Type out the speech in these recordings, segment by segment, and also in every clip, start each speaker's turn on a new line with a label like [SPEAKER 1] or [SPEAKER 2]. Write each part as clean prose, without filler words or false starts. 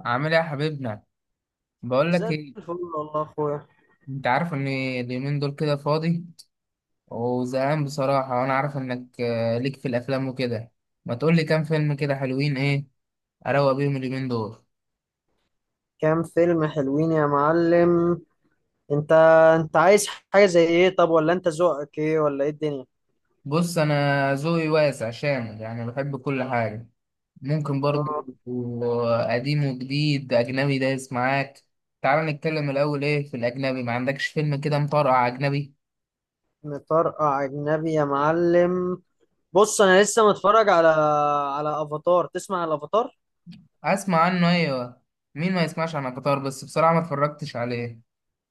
[SPEAKER 1] عامل ايه يا حبيبنا؟ بقول
[SPEAKER 2] زي
[SPEAKER 1] لك ايه،
[SPEAKER 2] الفل، والله يا اخويا.
[SPEAKER 1] انت عارف ان اليومين دول كده فاضي وزهقان بصراحه. وانا عارف انك ليك في الافلام وكده. ما تقول لي كام فيلم كده حلوين ايه اروق بيهم اليومين دول؟
[SPEAKER 2] كام فيلم حلوين يا معلم؟ انت انت عايز حاجة زي ايه؟ طب، ولا انت ذوقك ايه؟ ولا ايه الدنيا؟
[SPEAKER 1] بص، انا ذوقي واسع شامل، يعني بحب كل حاجه ممكن
[SPEAKER 2] اه.
[SPEAKER 1] برضو، قديم وجديد اجنبي دايس معاك. تعال نتكلم الاول ايه في الاجنبي، ما عندكش فيلم كده مطرقع اجنبي؟
[SPEAKER 2] مطرقع اجنبي يا معلم؟ بص، انا لسه متفرج على افاتار. تسمع على الافاتار؟
[SPEAKER 1] اسمع عنه، ايوه. مين ما يسمعش عن قطار، بس بصراحه ما اتفرجتش عليه.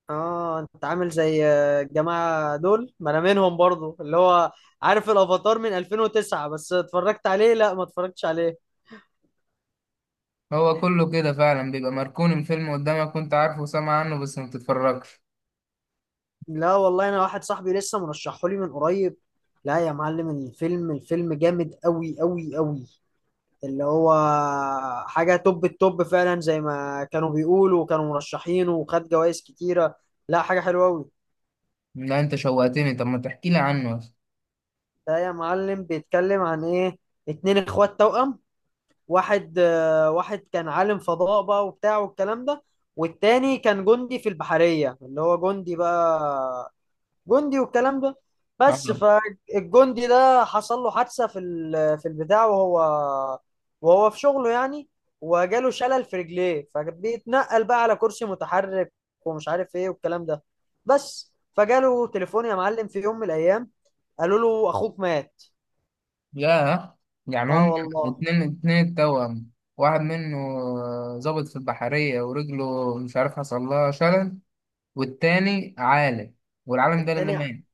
[SPEAKER 2] اه، انت عامل زي الجماعة دول، ما انا منهم برضو، اللي هو عارف الافاتار من 2009 بس اتفرجت عليه، لا ما اتفرجتش عليه.
[SPEAKER 1] هو كله كده فعلا، بيبقى مركون الفيلم قدامك وانت عارفه وسامع عنه بس ما بتتفرجش.
[SPEAKER 2] لا والله، انا واحد صاحبي لسه مرشحه لي من قريب. لا يا معلم، الفيلم جامد قوي قوي قوي، اللي هو حاجة توب التوب فعلا، زي ما كانوا بيقولوا، وكانوا مرشحينه وخد جوائز كتيرة. لا، حاجة حلوة قوي.
[SPEAKER 1] لا انت شوقتني، طب ما تحكي لي عنه.
[SPEAKER 2] ده يا معلم بيتكلم عن ايه؟ اتنين اخوات توأم. واحد كان عالم فضاء بقى وبتاع والكلام ده. والتاني كان جندي في البحرية، اللي هو جندي بقى، جندي والكلام ده. بس
[SPEAKER 1] اه.
[SPEAKER 2] فالجندي ده حصل له حادثة في في البتاع، وهو في شغله يعني، وجاله شلل في رجليه، فبيتنقل بقى على كرسي متحرك، ومش عارف ايه والكلام ده. بس فجاله تليفون يا معلم في يوم من الايام، قالوا له اخوك مات.
[SPEAKER 1] يا يعني
[SPEAKER 2] اه
[SPEAKER 1] هم
[SPEAKER 2] والله.
[SPEAKER 1] اتنين اتنين التوأم، واحد منه ظابط في البحرية ورجله مش عارف حصل لها شلل، والتاني عالم، والعالم ده اللي
[SPEAKER 2] التاني،
[SPEAKER 1] مات.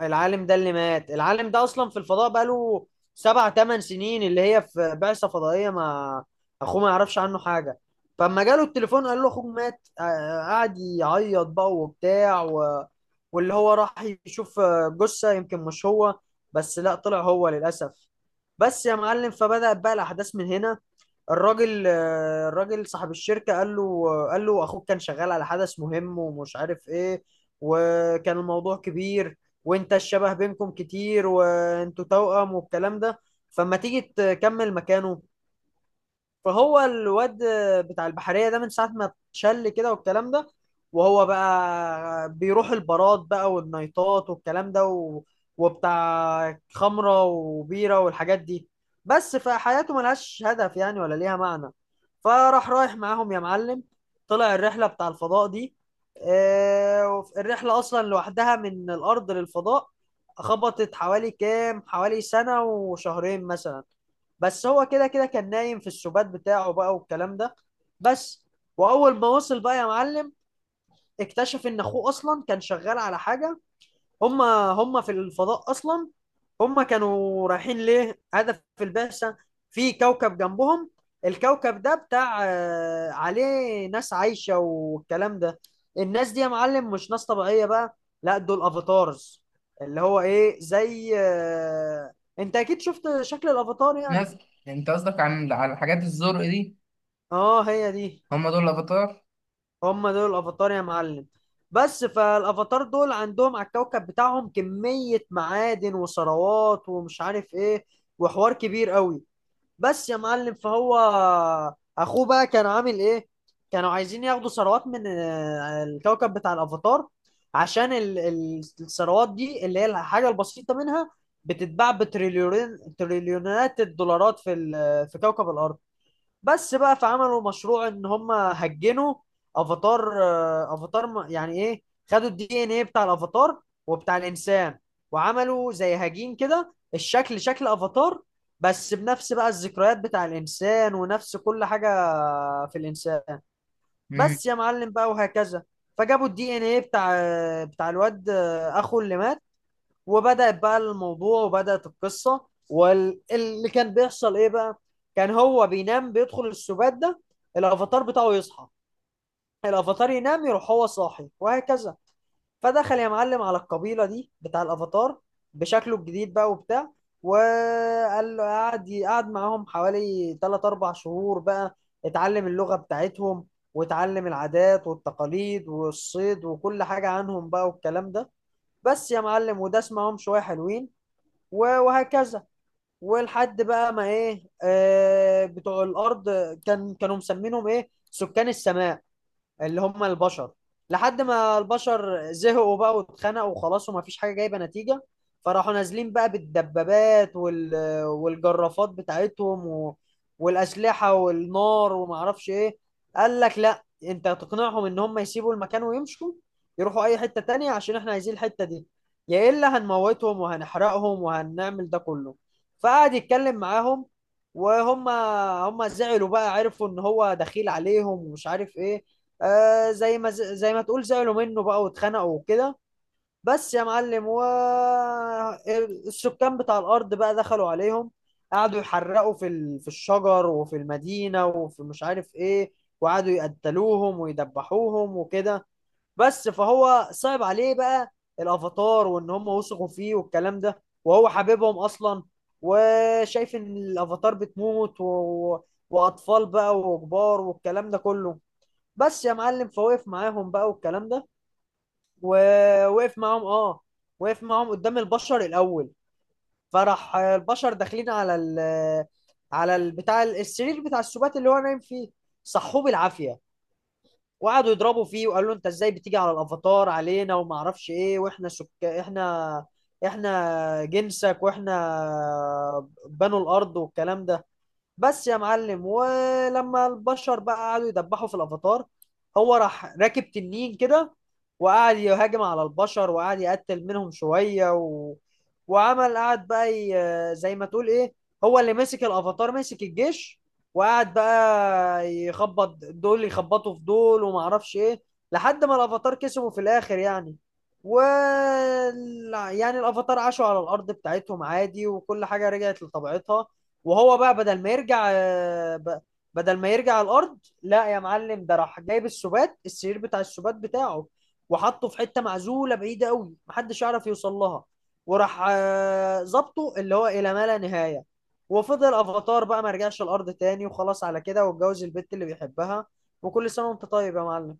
[SPEAKER 2] العالم ده اللي مات، العالم ده اصلا في الفضاء بقاله سبع ثمان سنين، اللي هي في بعثة فضائية ما اخوه ما يعرفش عنه حاجة. فلما جاله التليفون قال له اخوك مات، قعد يعيط بقى وبتاع و... واللي هو راح يشوف جثة يمكن مش هو، بس لا طلع هو للأسف. بس يا معلم فبدأت بقى الأحداث من هنا. الراجل صاحب الشركة قال له أخوك كان شغال على حدث مهم ومش عارف إيه، وكان الموضوع كبير، وأنت الشبه بينكم كتير وأنتوا توأم والكلام ده، فما تيجي تكمل مكانه. فهو الواد بتاع البحرية ده من ساعة ما اتشل كده والكلام ده، وهو بقى بيروح البارات بقى والنايتات والكلام ده و... وبتاع خمرة وبيرة والحاجات دي، بس فحياته ملهاش هدف يعني ولا ليها معنى. فراح رايح معاهم يا معلم، طلع الرحلة بتاع الفضاء دي. الرحلة أصلا لوحدها من الأرض للفضاء خبطت حوالي كام، حوالي سنة وشهرين مثلا. بس هو كده كده كان نايم في السبات بتاعه بقى والكلام ده بس. واول ما وصل بقى يا معلم اكتشف ان اخوه اصلا كان شغال على حاجه. هما هما في الفضاء اصلا، هما كانوا رايحين ليه هدف في البعثه في كوكب جنبهم. الكوكب ده بتاع عليه ناس عايشه والكلام ده. الناس دي يا معلم مش ناس طبيعيه بقى، لا دول افاتارز، اللي هو ايه، زي انت اكيد شفت شكل الافاتار يعني.
[SPEAKER 1] ناس، انت قصدك على الحاجات الزرق دي؟
[SPEAKER 2] اه، هي دي.
[SPEAKER 1] هم دول الافاتار.
[SPEAKER 2] هم دول الافاتار يا معلم. بس فالافاتار دول عندهم على الكوكب بتاعهم كمية معادن وثروات ومش عارف ايه وحوار كبير قوي. بس يا معلم، فهو اخوه بقى كان عامل ايه، كانوا عايزين ياخدوا ثروات من الكوكب بتاع الافاتار، عشان الثروات دي اللي هي الحاجة البسيطة منها بتتباع بتريليونات، تريليونات الدولارات في في كوكب الارض. بس بقى فعملوا مشروع ان هم هجنوا افاتار، يعني ايه، خدوا الدي ان ايه بتاع الافاتار وبتاع الانسان، وعملوا زي هجين كده الشكل شكل افاتار، بس بنفس بقى الذكريات بتاع الانسان ونفس كل حاجة في الانسان. بس يا معلم بقى وهكذا. فجابوا الدي ان ايه بتاع الواد، اخو اللي مات. وبدأت بقى الموضوع وبدأت القصة، واللي كان بيحصل ايه بقى، كان هو بينام بيدخل السبات ده، الافاتار بتاعه يصحى، الافاتار ينام يروح هو صاحي وهكذا. فدخل يا معلم على القبيلة دي بتاع الافاتار بشكله الجديد بقى وبتاع، وقال له قعد معاهم حوالي 3 4 شهور بقى، اتعلم اللغة بتاعتهم، واتعلم العادات والتقاليد والصيد وكل حاجة عنهم بقى والكلام ده. بس يا معلم، وده اسمعهم شوية حلوين، وهكذا. ولحد بقى ما ايه، بتوع الارض كانوا مسمينهم ايه سكان السماء، اللي هم البشر. لحد ما البشر زهقوا بقى واتخنقوا وخلاص وما فيش حاجة جايبة نتيجة، فراحوا نازلين بقى بالدبابات وال... والجرافات بتاعتهم و... والأسلحة والنار وما اعرفش ايه. قال لك لا، انت هتقنعهم ان هم يسيبوا المكان ويمشوا، يروحوا اي حتة تانية عشان احنا عايزين الحتة دي، يا الا هنموتهم وهنحرقهم وهنعمل ده كله. فقعد يتكلم معاهم، وهم زعلوا بقى، عرفوا ان هو دخيل عليهم ومش عارف ايه. زي ما تقول زعلوا منه بقى واتخانقوا وكده. بس يا معلم، و السكان بتاع الارض بقى دخلوا عليهم، قعدوا يحرقوا في ال... في الشجر وفي المدينه وفي مش عارف ايه، وقعدوا يقتلوهم ويدبحوهم وكده. بس فهو صعب عليه بقى الافاتار، وان هم وثقوا فيه والكلام ده وهو حبيبهم اصلا، وشايف ان الافاتار بتموت و... واطفال بقى وكبار والكلام ده كله. بس يا معلم، فوقف معاهم بقى والكلام ده، ووقف معاهم اه، وقف معاهم قدام البشر الاول. فراح البشر داخلين على السرير بتاع السبات اللي هو نايم فيه، صحوه بالعافيه، وقعدوا يضربوا فيه وقالوا له انت ازاي بتيجي على الافاتار علينا وما اعرفش ايه، واحنا احنا جنسك واحنا بنو الارض والكلام ده. بس يا معلم، ولما البشر بقى قعدوا يدبحوا في الافاتار، هو راح راكب تنين كده، وقعد يهاجم على البشر، وقعد يقتل منهم شوية و... وعمل قعد بقى زي ما تقول ايه، هو اللي مسك الافاتار، مسك الجيش، وقعد بقى يخبط دول، يخبطوا في دول وما اعرفش ايه، لحد ما الافاتار كسبوا في الاخر يعني. و يعني الافاتار عاشوا على الارض بتاعتهم عادي، وكل حاجة رجعت لطبيعتها. وهو بقى بدل ما يرجع الارض، لا يا معلم ده راح جايب السبات، السرير بتاع السبات بتاعه، وحطه في حته معزوله بعيده قوي محدش يعرف يوصل لها. وراح ظبطه اللي هو الى ما لا نهايه. وفضل افاتار بقى، ما رجعش الارض تاني وخلاص على كده، واتجوز البت اللي بيحبها. وكل سنه وانت طيب يا معلم.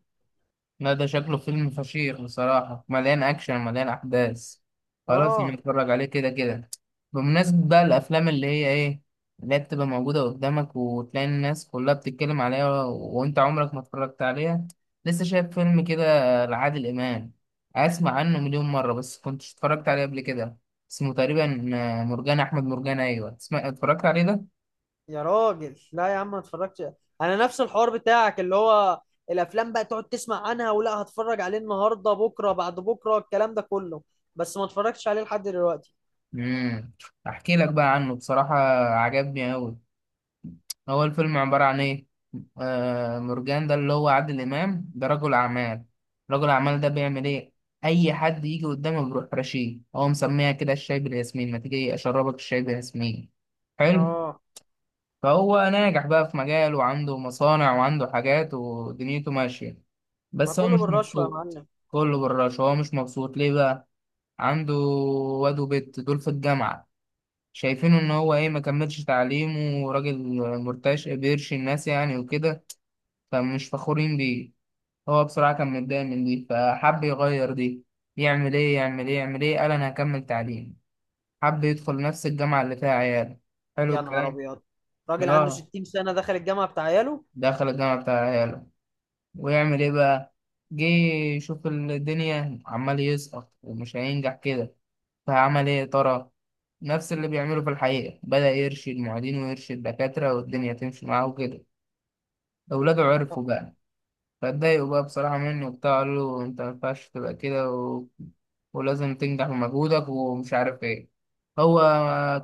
[SPEAKER 1] لا ده شكله فيلم فشيخ بصراحة، مليان أكشن مليان أحداث. خلاص أنا
[SPEAKER 2] اه،
[SPEAKER 1] أتفرج عليه كده كده. بمناسبة بقى الأفلام اللي هي بتبقى موجودة قدامك، وتلاقي الناس كلها بتتكلم عليها و- وأنت عمرك ما اتفرجت عليها. لسه شايف فيلم كده لعادل إمام، أسمع عنه مليون مرة بس كنتش اتفرجت عليه قبل كده. اسمه تقريبا مرجان أحمد مرجان. أيوة اسمع، اتفرجت عليه ده؟
[SPEAKER 2] يا راجل لا يا عم ما اتفرجتش. انا نفس الحوار بتاعك، اللي هو الافلام بقى تقعد تسمع عنها، ولا هتفرج عليه النهارده بكره بعد بكره الكلام ده كله، بس ما اتفرجتش عليه لحد دلوقتي.
[SPEAKER 1] مم. أحكي لك بقى عنه. بصراحة عجبني أوي. هو الفيلم عبارة عن إيه؟ آه، مرجان ده اللي هو عادل إمام ده رجل أعمال. رجل أعمال ده بيعمل إيه؟ أي حد يجي قدامه بيروح رشيه، هو مسميها كده الشاي بالياسمين، ما تيجي أشربك الشاي بالياسمين. حلو؟
[SPEAKER 2] اه،
[SPEAKER 1] فهو ناجح بقى في مجاله، وعنده مصانع وعنده حاجات ودنيته ماشية،
[SPEAKER 2] ما
[SPEAKER 1] بس هو
[SPEAKER 2] كله
[SPEAKER 1] مش
[SPEAKER 2] بالرشوه يا
[SPEAKER 1] مبسوط.
[SPEAKER 2] معلم.
[SPEAKER 1] كله بالرش. هو مش مبسوط ليه بقى؟ عنده واد وبت دول في الجامعة، شايفينه ان هو ايه، ما كملش تعليمه وراجل مرتاش بيرشي الناس يعني وكده، فمش فخورين بيه. هو بصراحة كان متضايق من دي، فحب يغير دي. يعمل ايه يعمل ايه يعمل ايه، قال انا هكمل تعليم. حب يدخل نفس الجامعة اللي فيها عياله. حلو
[SPEAKER 2] يا نهار
[SPEAKER 1] الكلام.
[SPEAKER 2] ابيض، راجل عنده
[SPEAKER 1] اه.
[SPEAKER 2] 60 سنه دخل الجامعه بتاع عياله؟
[SPEAKER 1] دخل الجامعة بتاع عياله، ويعمل ايه بقى؟ جه يشوف الدنيا عمال يسقط ومش هينجح كده. فعمل ايه يا ترى؟ نفس اللي بيعمله في الحقيقة، بدأ يرشد معيدين ويرشد دكاترة، والدنيا تمشي معاه وكده. أولاده عرفوا بقى، فاتضايقوا بقى بصراحة مني وبتاع، قالوا له أنت ما ينفعش تبقى كده و... ولازم تنجح بمجهودك ومش عارف إيه. هو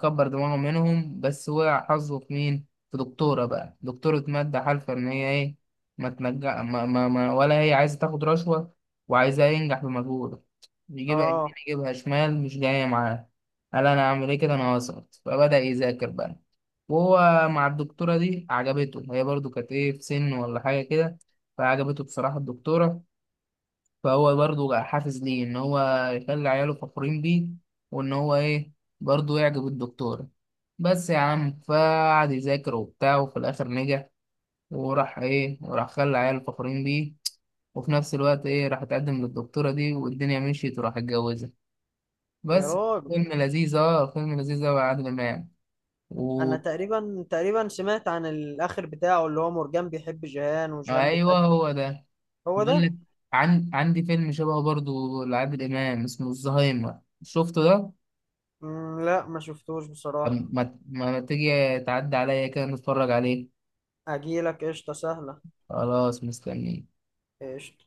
[SPEAKER 1] كبر دماغه منهم، بس وقع حظه في مين؟ في دكتورة بقى، دكتورة مادة حالفة إن هي إيه، ما تنجح ما... ما... ما... ولا هي عايزة تاخد رشوة، وعايزاه ينجح بمجهوده. يجيبها يمين
[SPEAKER 2] اه،
[SPEAKER 1] يجيبها شمال مش جاية معاه. قال أنا أعمل إيه كده، أنا هسقط. فبدأ يذاكر بقى. وهو مع الدكتورة دي عجبته، هي برضو كانت إيه في سن ولا حاجة كده، فعجبته بصراحة الدكتورة. فهو برضه حافز ليه إن هو يخلي عياله فخورين بيه، وإن هو إيه برضه يعجب الدكتورة. بس يا عم فقعد يذاكر وبتاع، وفي الآخر نجح. وراح خلى عياله فخورين بيه، وفي نفس الوقت إيه راح اتقدم للدكتورة دي، والدنيا مشيت وراح اتجوزها.
[SPEAKER 2] يا
[SPEAKER 1] بس
[SPEAKER 2] راجل،
[SPEAKER 1] فيلم لذيذ، فيلم لذيذ أوي يا عادل إمام.
[SPEAKER 2] انا
[SPEAKER 1] و...
[SPEAKER 2] تقريبا سمعت عن الاخر بتاعه، اللي هو مرجان بيحب جيهان وجيهان
[SPEAKER 1] أيوه،
[SPEAKER 2] بتحبه.
[SPEAKER 1] هو ده.
[SPEAKER 2] هو
[SPEAKER 1] بقول
[SPEAKER 2] ده.
[SPEAKER 1] لك، عندي فيلم شبهه برضه لعادل إمام اسمه الزهايمر، شفته ده؟
[SPEAKER 2] مم، لا ما شفتوش
[SPEAKER 1] طب
[SPEAKER 2] بصراحه.
[SPEAKER 1] ما تيجي تعدي عليا كده نتفرج عليه.
[SPEAKER 2] اجيلك قشطه سهله.
[SPEAKER 1] خلاص مستني.
[SPEAKER 2] قشطه.